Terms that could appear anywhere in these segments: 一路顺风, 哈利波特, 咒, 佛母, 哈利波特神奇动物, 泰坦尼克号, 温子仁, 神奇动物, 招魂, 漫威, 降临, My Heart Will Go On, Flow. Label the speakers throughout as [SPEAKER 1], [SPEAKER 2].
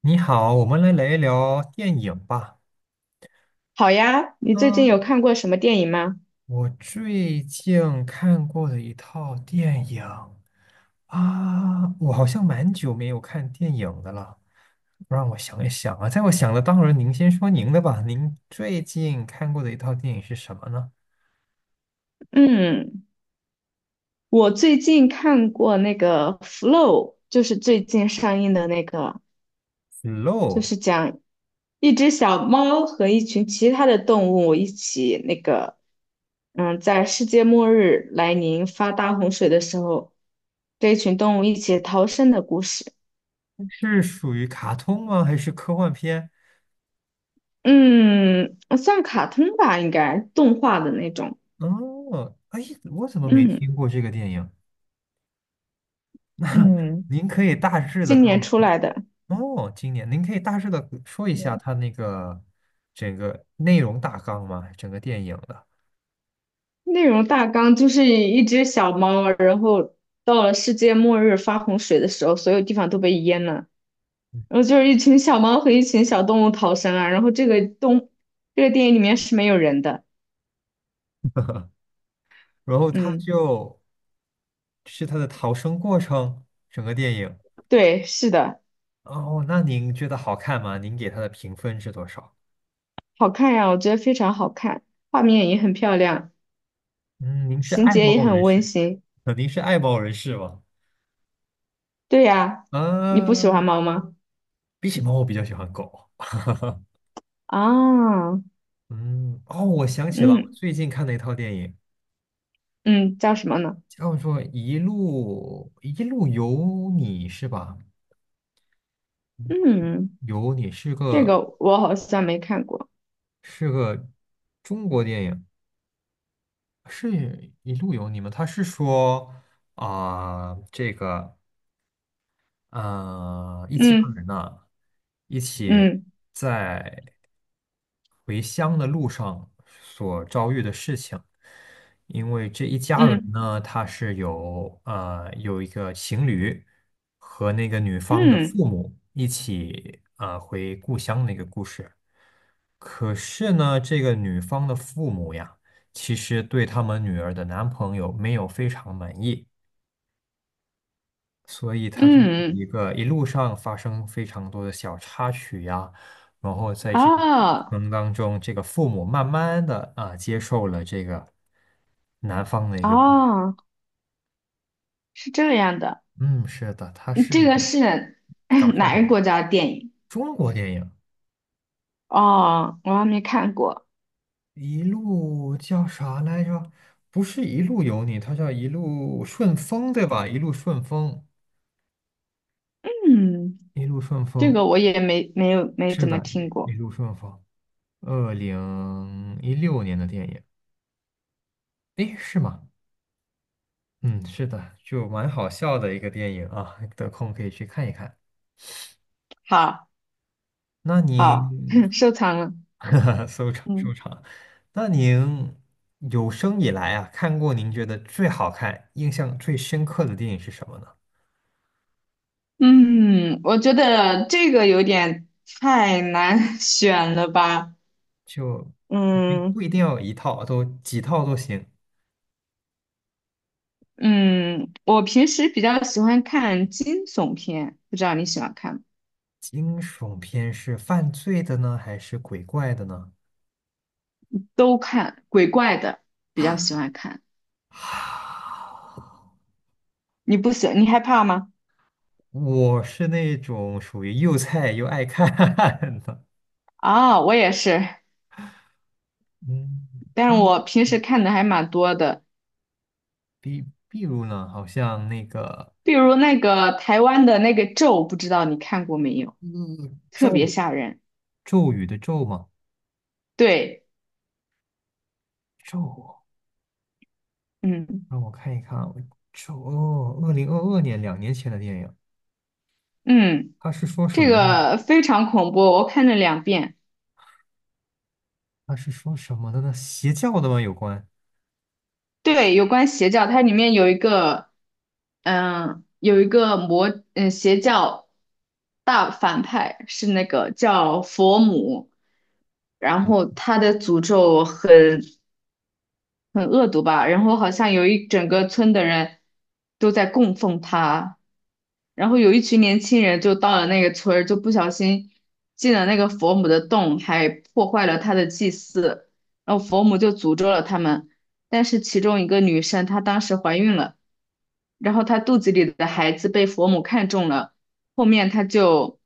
[SPEAKER 1] 你好，我们来聊一聊电影吧。
[SPEAKER 2] 好呀，你最近有
[SPEAKER 1] 嗯，
[SPEAKER 2] 看过什么电影吗？
[SPEAKER 1] 我最近看过的一套电影啊，我好像蛮久没有看电影的了。让我想一想啊，在我想的当中，您先说您的吧。您最近看过的一套电影是什么呢
[SPEAKER 2] 嗯，我最近看过那个《Flow》，就是最近上映的那个，就
[SPEAKER 1] ？Flow
[SPEAKER 2] 是讲一只小猫和一群其他的动物一起在世界末日来临发大洪水的时候，这一群动物一起逃生的故事。
[SPEAKER 1] 是属于卡通吗？还是科幻片？
[SPEAKER 2] 嗯，算卡通吧，应该动画的那种。
[SPEAKER 1] 哦，哎，我怎么没
[SPEAKER 2] 嗯，
[SPEAKER 1] 听过这个电影？
[SPEAKER 2] 嗯,
[SPEAKER 1] 您可以大致的
[SPEAKER 2] 今年
[SPEAKER 1] 告
[SPEAKER 2] 出来的。
[SPEAKER 1] 哦，今年您可以大致的说一下
[SPEAKER 2] 嗯。
[SPEAKER 1] 它那个整个内容大纲吗？整个电影的，
[SPEAKER 2] 内容大纲就是一只小猫，然后到了世界末日发洪水的时候，所有地方都被淹了，然后就是一群小猫和一群小动物逃生啊。然后这个动，这个电影里面是没有人的，
[SPEAKER 1] 然后它
[SPEAKER 2] 嗯，
[SPEAKER 1] 就是它的逃生过程，整个电影。
[SPEAKER 2] 对，是的，
[SPEAKER 1] 哦，那您觉得好看吗？您给它的评分是多少？
[SPEAKER 2] 好看呀，我觉得非常好看，画面也很漂亮，
[SPEAKER 1] 嗯，您是
[SPEAKER 2] 情
[SPEAKER 1] 爱
[SPEAKER 2] 节也
[SPEAKER 1] 猫
[SPEAKER 2] 很
[SPEAKER 1] 人
[SPEAKER 2] 温
[SPEAKER 1] 士
[SPEAKER 2] 馨。
[SPEAKER 1] 您是爱猫人士吗？
[SPEAKER 2] 对呀，你不喜欢
[SPEAKER 1] 嗯，
[SPEAKER 2] 猫吗？
[SPEAKER 1] 比起猫，我比较喜欢狗。
[SPEAKER 2] 啊，
[SPEAKER 1] 嗯，哦，我想起了我
[SPEAKER 2] 嗯
[SPEAKER 1] 最近看的一套电影，
[SPEAKER 2] 嗯，叫什么呢？
[SPEAKER 1] 叫做《一路一路有你》，是吧？
[SPEAKER 2] 嗯，
[SPEAKER 1] 有你是
[SPEAKER 2] 这
[SPEAKER 1] 个。
[SPEAKER 2] 个我好像没看过。
[SPEAKER 1] 是个中国电影，是一路有你吗？他是说啊、这个一家人
[SPEAKER 2] 嗯
[SPEAKER 1] 呢，一起
[SPEAKER 2] 嗯。
[SPEAKER 1] 在回乡的路上所遭遇的事情。因为这一家人
[SPEAKER 2] 嗯
[SPEAKER 1] 呢，他是有一个情侣和那个女方的
[SPEAKER 2] 嗯
[SPEAKER 1] 父母一起回故乡那个故事。可是呢，这个女方的父母呀，其实对他们女儿的男朋友没有非常满意，所以他就是一
[SPEAKER 2] 嗯，
[SPEAKER 1] 个一路上发生非常多的小插曲呀，然后在这个过
[SPEAKER 2] 哦
[SPEAKER 1] 程当中，这个父母慢慢的接受了这个男方的一个故事。
[SPEAKER 2] 哦，是这样的，
[SPEAKER 1] 嗯，是的，它
[SPEAKER 2] 嗯
[SPEAKER 1] 是
[SPEAKER 2] 这
[SPEAKER 1] 一
[SPEAKER 2] 个
[SPEAKER 1] 个
[SPEAKER 2] 是
[SPEAKER 1] 搞 笑
[SPEAKER 2] 哪
[SPEAKER 1] 电
[SPEAKER 2] 个
[SPEAKER 1] 影，
[SPEAKER 2] 国家的电影？
[SPEAKER 1] 中国电影。
[SPEAKER 2] 哦，我还没看过。
[SPEAKER 1] 一路叫啥来着？不是一路有你，它叫一路顺风，对吧？一路顺风，
[SPEAKER 2] 嗯，
[SPEAKER 1] 一路顺
[SPEAKER 2] 这
[SPEAKER 1] 风，
[SPEAKER 2] 个我也没没有没
[SPEAKER 1] 是
[SPEAKER 2] 怎么
[SPEAKER 1] 的，
[SPEAKER 2] 听
[SPEAKER 1] 一一
[SPEAKER 2] 过。
[SPEAKER 1] 路顺风。2016年的电影，诶，是吗？嗯，是的，就蛮好笑的一个电影啊，得空可以去看一看。
[SPEAKER 2] 好，
[SPEAKER 1] 那
[SPEAKER 2] 好，
[SPEAKER 1] 您
[SPEAKER 2] 收藏了。
[SPEAKER 1] 收场收
[SPEAKER 2] 嗯
[SPEAKER 1] 场，那您有生以来啊，看过您觉得最好看、印象最深刻的电影是什么呢？
[SPEAKER 2] 嗯，我觉得这个有点太难 选了吧。
[SPEAKER 1] 就不
[SPEAKER 2] 嗯
[SPEAKER 1] 一定要有一套，都几套都行。
[SPEAKER 2] 嗯，我平时比较喜欢看惊悚片，不知道你喜欢看吗？
[SPEAKER 1] 惊悚片是犯罪的呢，还是鬼怪的呢？
[SPEAKER 2] 都看，鬼怪的比较喜欢看。
[SPEAKER 1] 啊
[SPEAKER 2] 你不喜，你害怕吗？
[SPEAKER 1] 我是那种属于又菜又爱看 的，
[SPEAKER 2] 啊、我也是，
[SPEAKER 1] 嗯，
[SPEAKER 2] 但是我平时看的还蛮多的，
[SPEAKER 1] 比如呢，好像那个
[SPEAKER 2] 比如那个台湾的那个《咒》，不知道你看过没有？
[SPEAKER 1] 嗯
[SPEAKER 2] 特
[SPEAKER 1] 咒
[SPEAKER 2] 别吓人。
[SPEAKER 1] 咒语的咒嘛，
[SPEAKER 2] 对，
[SPEAKER 1] 咒，
[SPEAKER 2] 嗯
[SPEAKER 1] 让我看一看啊，咒哦，2022年2年前的电影，
[SPEAKER 2] 嗯，这
[SPEAKER 1] 他
[SPEAKER 2] 个非常恐怖，我看了两遍。
[SPEAKER 1] 是说什么的呢？邪教的吗？有关？
[SPEAKER 2] 对，有关邪教，它里面有一个，嗯，有一个邪教大反派是那个叫佛母，然后他的诅咒很恶毒吧。然后好像有一整个村的人都在供奉他，然后有一群年轻人就到了那个村儿，就不小心进了那个佛母的洞，还破坏了他的祭祀，然后佛母就诅咒了他们。但是其中一个女生她当时怀孕了，然后她肚子里的孩子被佛母看中了，后面她就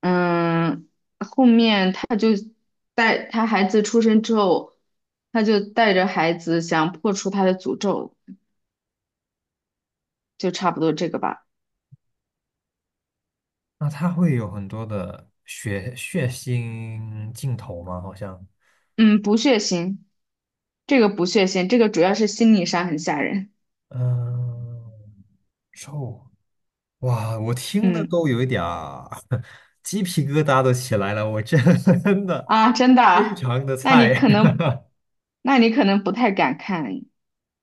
[SPEAKER 2] 嗯。后面。带他孩子出生之后，他就带着孩子想破除他的诅咒，就差不多这个吧。
[SPEAKER 1] 那他会有很多的血腥镜头吗？好像，
[SPEAKER 2] 嗯，不血腥，这个不血腥，这个主要是心理上很吓人。
[SPEAKER 1] 嗯、臭，哇，我听的
[SPEAKER 2] 嗯
[SPEAKER 1] 都有一点儿 鸡皮疙瘩都起来了，我真的
[SPEAKER 2] 啊，真的
[SPEAKER 1] 非
[SPEAKER 2] 啊
[SPEAKER 1] 常的
[SPEAKER 2] 那你
[SPEAKER 1] 菜。
[SPEAKER 2] 可能，那你可能不太敢看。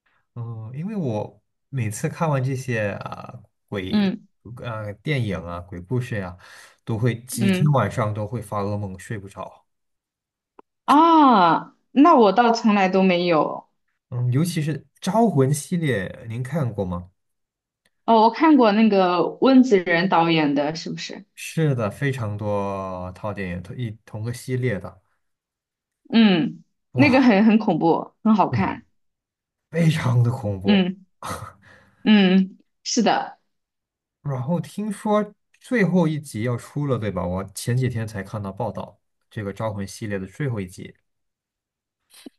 [SPEAKER 1] 嗯，因为我每次看完这些啊、鬼
[SPEAKER 2] 嗯
[SPEAKER 1] 啊、电影啊鬼故事呀、都会几天
[SPEAKER 2] 嗯
[SPEAKER 1] 晚上都会发噩梦，睡不着。
[SPEAKER 2] 啊，那我倒从来都没有。
[SPEAKER 1] 嗯，尤其是《招魂》系列，您看过吗？
[SPEAKER 2] 哦，我看过那个温子仁导演的，是不是？
[SPEAKER 1] 是的，非常多套电影，同个系列的，
[SPEAKER 2] 嗯，那个
[SPEAKER 1] 哇，
[SPEAKER 2] 很恐怖，很好
[SPEAKER 1] 对，
[SPEAKER 2] 看。
[SPEAKER 1] 非常的恐怖。
[SPEAKER 2] 嗯 嗯，是的。
[SPEAKER 1] 然后听说最后一集要出了，对吧？我前几天才看到报道，这个《招魂》系列的最后一集。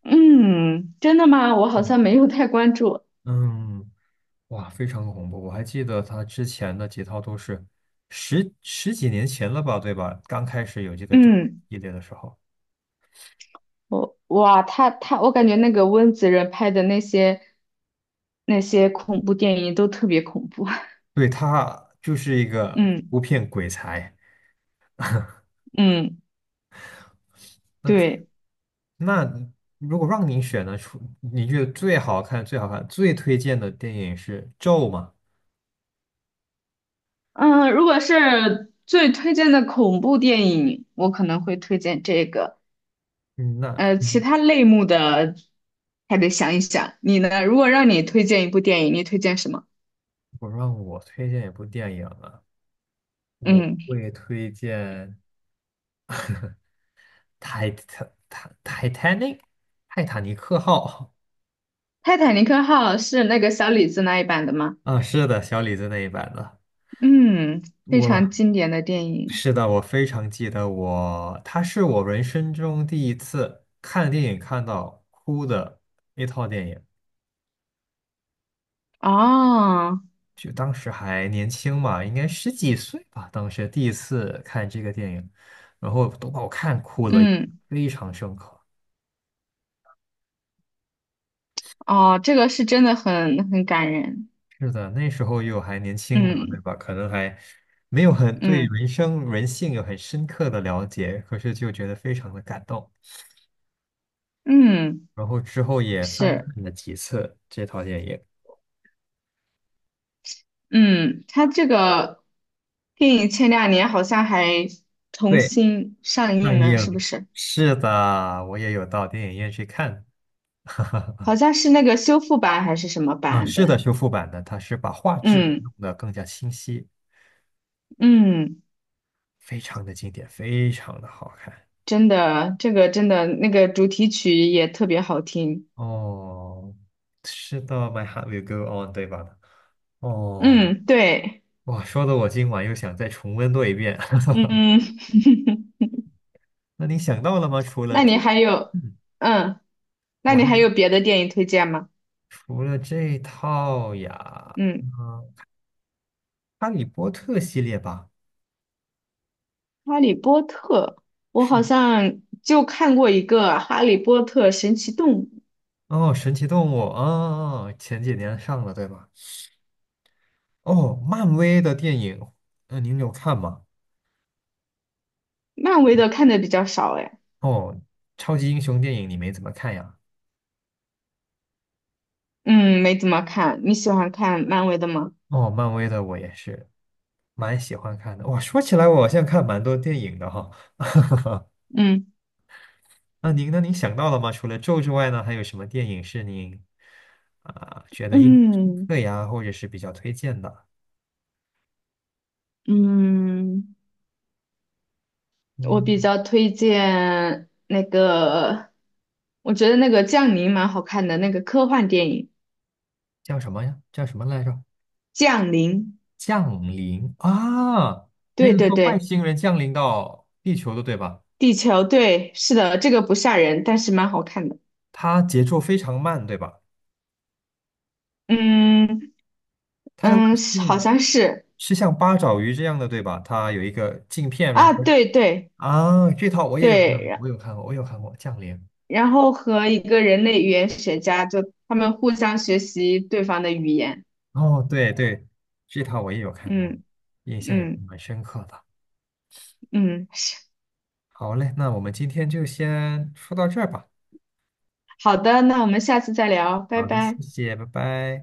[SPEAKER 2] 嗯，真的吗？我好像
[SPEAKER 1] 嗯，
[SPEAKER 2] 没有太关注。
[SPEAKER 1] 嗯，哇，非常恐怖！我还记得他之前的几套都是十几年前了吧，对吧？刚开始有这个《招魂》
[SPEAKER 2] 嗯，
[SPEAKER 1] 系列的时候，
[SPEAKER 2] 我哇，他他，我感觉那个温子仁拍的那些恐怖电影都特别恐怖。
[SPEAKER 1] 对，他就是一个
[SPEAKER 2] 嗯
[SPEAKER 1] 不骗鬼才。
[SPEAKER 2] 嗯，对，
[SPEAKER 1] 那如果让你选呢，出你觉得最好看、最好看、最推荐的电影是《咒》吗？
[SPEAKER 2] 嗯，如果是最推荐的恐怖电影，我可能会推荐这个。
[SPEAKER 1] 嗯，
[SPEAKER 2] 呃，
[SPEAKER 1] 我
[SPEAKER 2] 其他类目的还得想一想。你呢？如果让你推荐一部电影，你推荐什么？
[SPEAKER 1] 如果让我推荐一部电影啊，我
[SPEAKER 2] 嗯，
[SPEAKER 1] 会推荐泰《泰泰泰坦尼克》《泰坦尼克号》
[SPEAKER 2] 《泰坦尼克号》是那个小李子那一版的吗？
[SPEAKER 1] 啊，是的，小李子那一版的。
[SPEAKER 2] 嗯，非常
[SPEAKER 1] 我
[SPEAKER 2] 经典的电影。
[SPEAKER 1] 是的，我非常记得我，它是我人生中第一次看电影看到哭的一套电影。
[SPEAKER 2] 哦，
[SPEAKER 1] 就当时还年轻嘛，应该十几岁吧。当时第一次看这个电影，然后都把我看哭了，
[SPEAKER 2] 嗯，
[SPEAKER 1] 非常深刻。
[SPEAKER 2] 哦，这个是真的很感人，
[SPEAKER 1] 是的，那时候又还年轻吧，对
[SPEAKER 2] 嗯
[SPEAKER 1] 吧？可能还没有很对
[SPEAKER 2] 嗯
[SPEAKER 1] 人生人性有很深刻的了解，可是就觉得非常的感动。
[SPEAKER 2] 嗯，
[SPEAKER 1] 然后之后也翻
[SPEAKER 2] 是，
[SPEAKER 1] 看了几次这套电影，
[SPEAKER 2] 嗯，他这个电影前两年好像还重
[SPEAKER 1] 对，
[SPEAKER 2] 新上映
[SPEAKER 1] 上
[SPEAKER 2] 了，是不
[SPEAKER 1] 映。
[SPEAKER 2] 是？
[SPEAKER 1] 是的，我也有到电影院去看。
[SPEAKER 2] 好像是那个修复版还是什么
[SPEAKER 1] 啊，
[SPEAKER 2] 版
[SPEAKER 1] 是
[SPEAKER 2] 本？
[SPEAKER 1] 的，修复版的，它是把画质
[SPEAKER 2] 嗯
[SPEAKER 1] 弄得更加清晰。
[SPEAKER 2] 嗯，
[SPEAKER 1] 非常的经典，非常的好看。
[SPEAKER 2] 真的，这个真的那个主题曲也特别好听，
[SPEAKER 1] 哦，是的，My Heart Will Go On，对吧？哦，
[SPEAKER 2] 嗯，对，
[SPEAKER 1] 哇，说的我今晚又想再重温多一遍。
[SPEAKER 2] 嗯，
[SPEAKER 1] 那你想到了吗？除 了
[SPEAKER 2] 那你
[SPEAKER 1] 这，
[SPEAKER 2] 还有，
[SPEAKER 1] 嗯，
[SPEAKER 2] 嗯，那
[SPEAKER 1] 我还
[SPEAKER 2] 你还有别的电影推荐吗？
[SPEAKER 1] 除了这套呀，嗯，
[SPEAKER 2] 嗯。
[SPEAKER 1] 《哈利波特》系列吧。
[SPEAKER 2] 哈利波特，我好像就看过一个《哈利波特神奇动物》，
[SPEAKER 1] 哦，神奇动物，啊，前几年上了，对吧？哦，漫威的电影，嗯、您有看吗？
[SPEAKER 2] 漫威的看的比较少哎，
[SPEAKER 1] 哦，超级英雄电影你没怎么看呀？
[SPEAKER 2] 嗯，没怎么看。你喜欢看漫威的吗？
[SPEAKER 1] 哦，漫威的我也是。蛮喜欢看的。哇，说起来我好像看蛮多电影的哈。
[SPEAKER 2] 嗯
[SPEAKER 1] 那您呢？您想到了吗？除了《咒》之外呢，还有什么电影是您啊、觉得印象深
[SPEAKER 2] 嗯
[SPEAKER 1] 刻呀，或者是比较推荐的？
[SPEAKER 2] 嗯，我
[SPEAKER 1] 嗯，
[SPEAKER 2] 比较推荐那个，我觉得那个《降临》蛮好看的，那个科幻电影
[SPEAKER 1] 叫什么呀？叫什么来着？
[SPEAKER 2] 《降临》，
[SPEAKER 1] 降临啊，那
[SPEAKER 2] 对
[SPEAKER 1] 个
[SPEAKER 2] 对
[SPEAKER 1] 说外
[SPEAKER 2] 对，
[SPEAKER 1] 星人降临到地球的，对吧？
[SPEAKER 2] 地球，对，是的，这个不吓人，但是蛮好看的。
[SPEAKER 1] 它节奏非常慢，对吧？
[SPEAKER 2] 嗯
[SPEAKER 1] 它的外
[SPEAKER 2] 嗯，是
[SPEAKER 1] 星
[SPEAKER 2] 好
[SPEAKER 1] 人
[SPEAKER 2] 像是
[SPEAKER 1] 是像八爪鱼这样的，对吧？它有一个镜片人
[SPEAKER 2] 啊，
[SPEAKER 1] 家
[SPEAKER 2] 对对。
[SPEAKER 1] 啊，这套我也有看，
[SPEAKER 2] 对，然
[SPEAKER 1] 我有看过，我有看过《降临》。
[SPEAKER 2] 然后和一个人类语言学家，就他们互相学习对方的语言。
[SPEAKER 1] 哦，对对，这套我也有看过，
[SPEAKER 2] 嗯
[SPEAKER 1] 印象也是
[SPEAKER 2] 嗯
[SPEAKER 1] 蛮深刻的。
[SPEAKER 2] 嗯，
[SPEAKER 1] 好嘞，那我们今天就先说到这儿吧。
[SPEAKER 2] 好的，那我们下次再聊，拜
[SPEAKER 1] 好的，
[SPEAKER 2] 拜。
[SPEAKER 1] 谢谢，拜拜。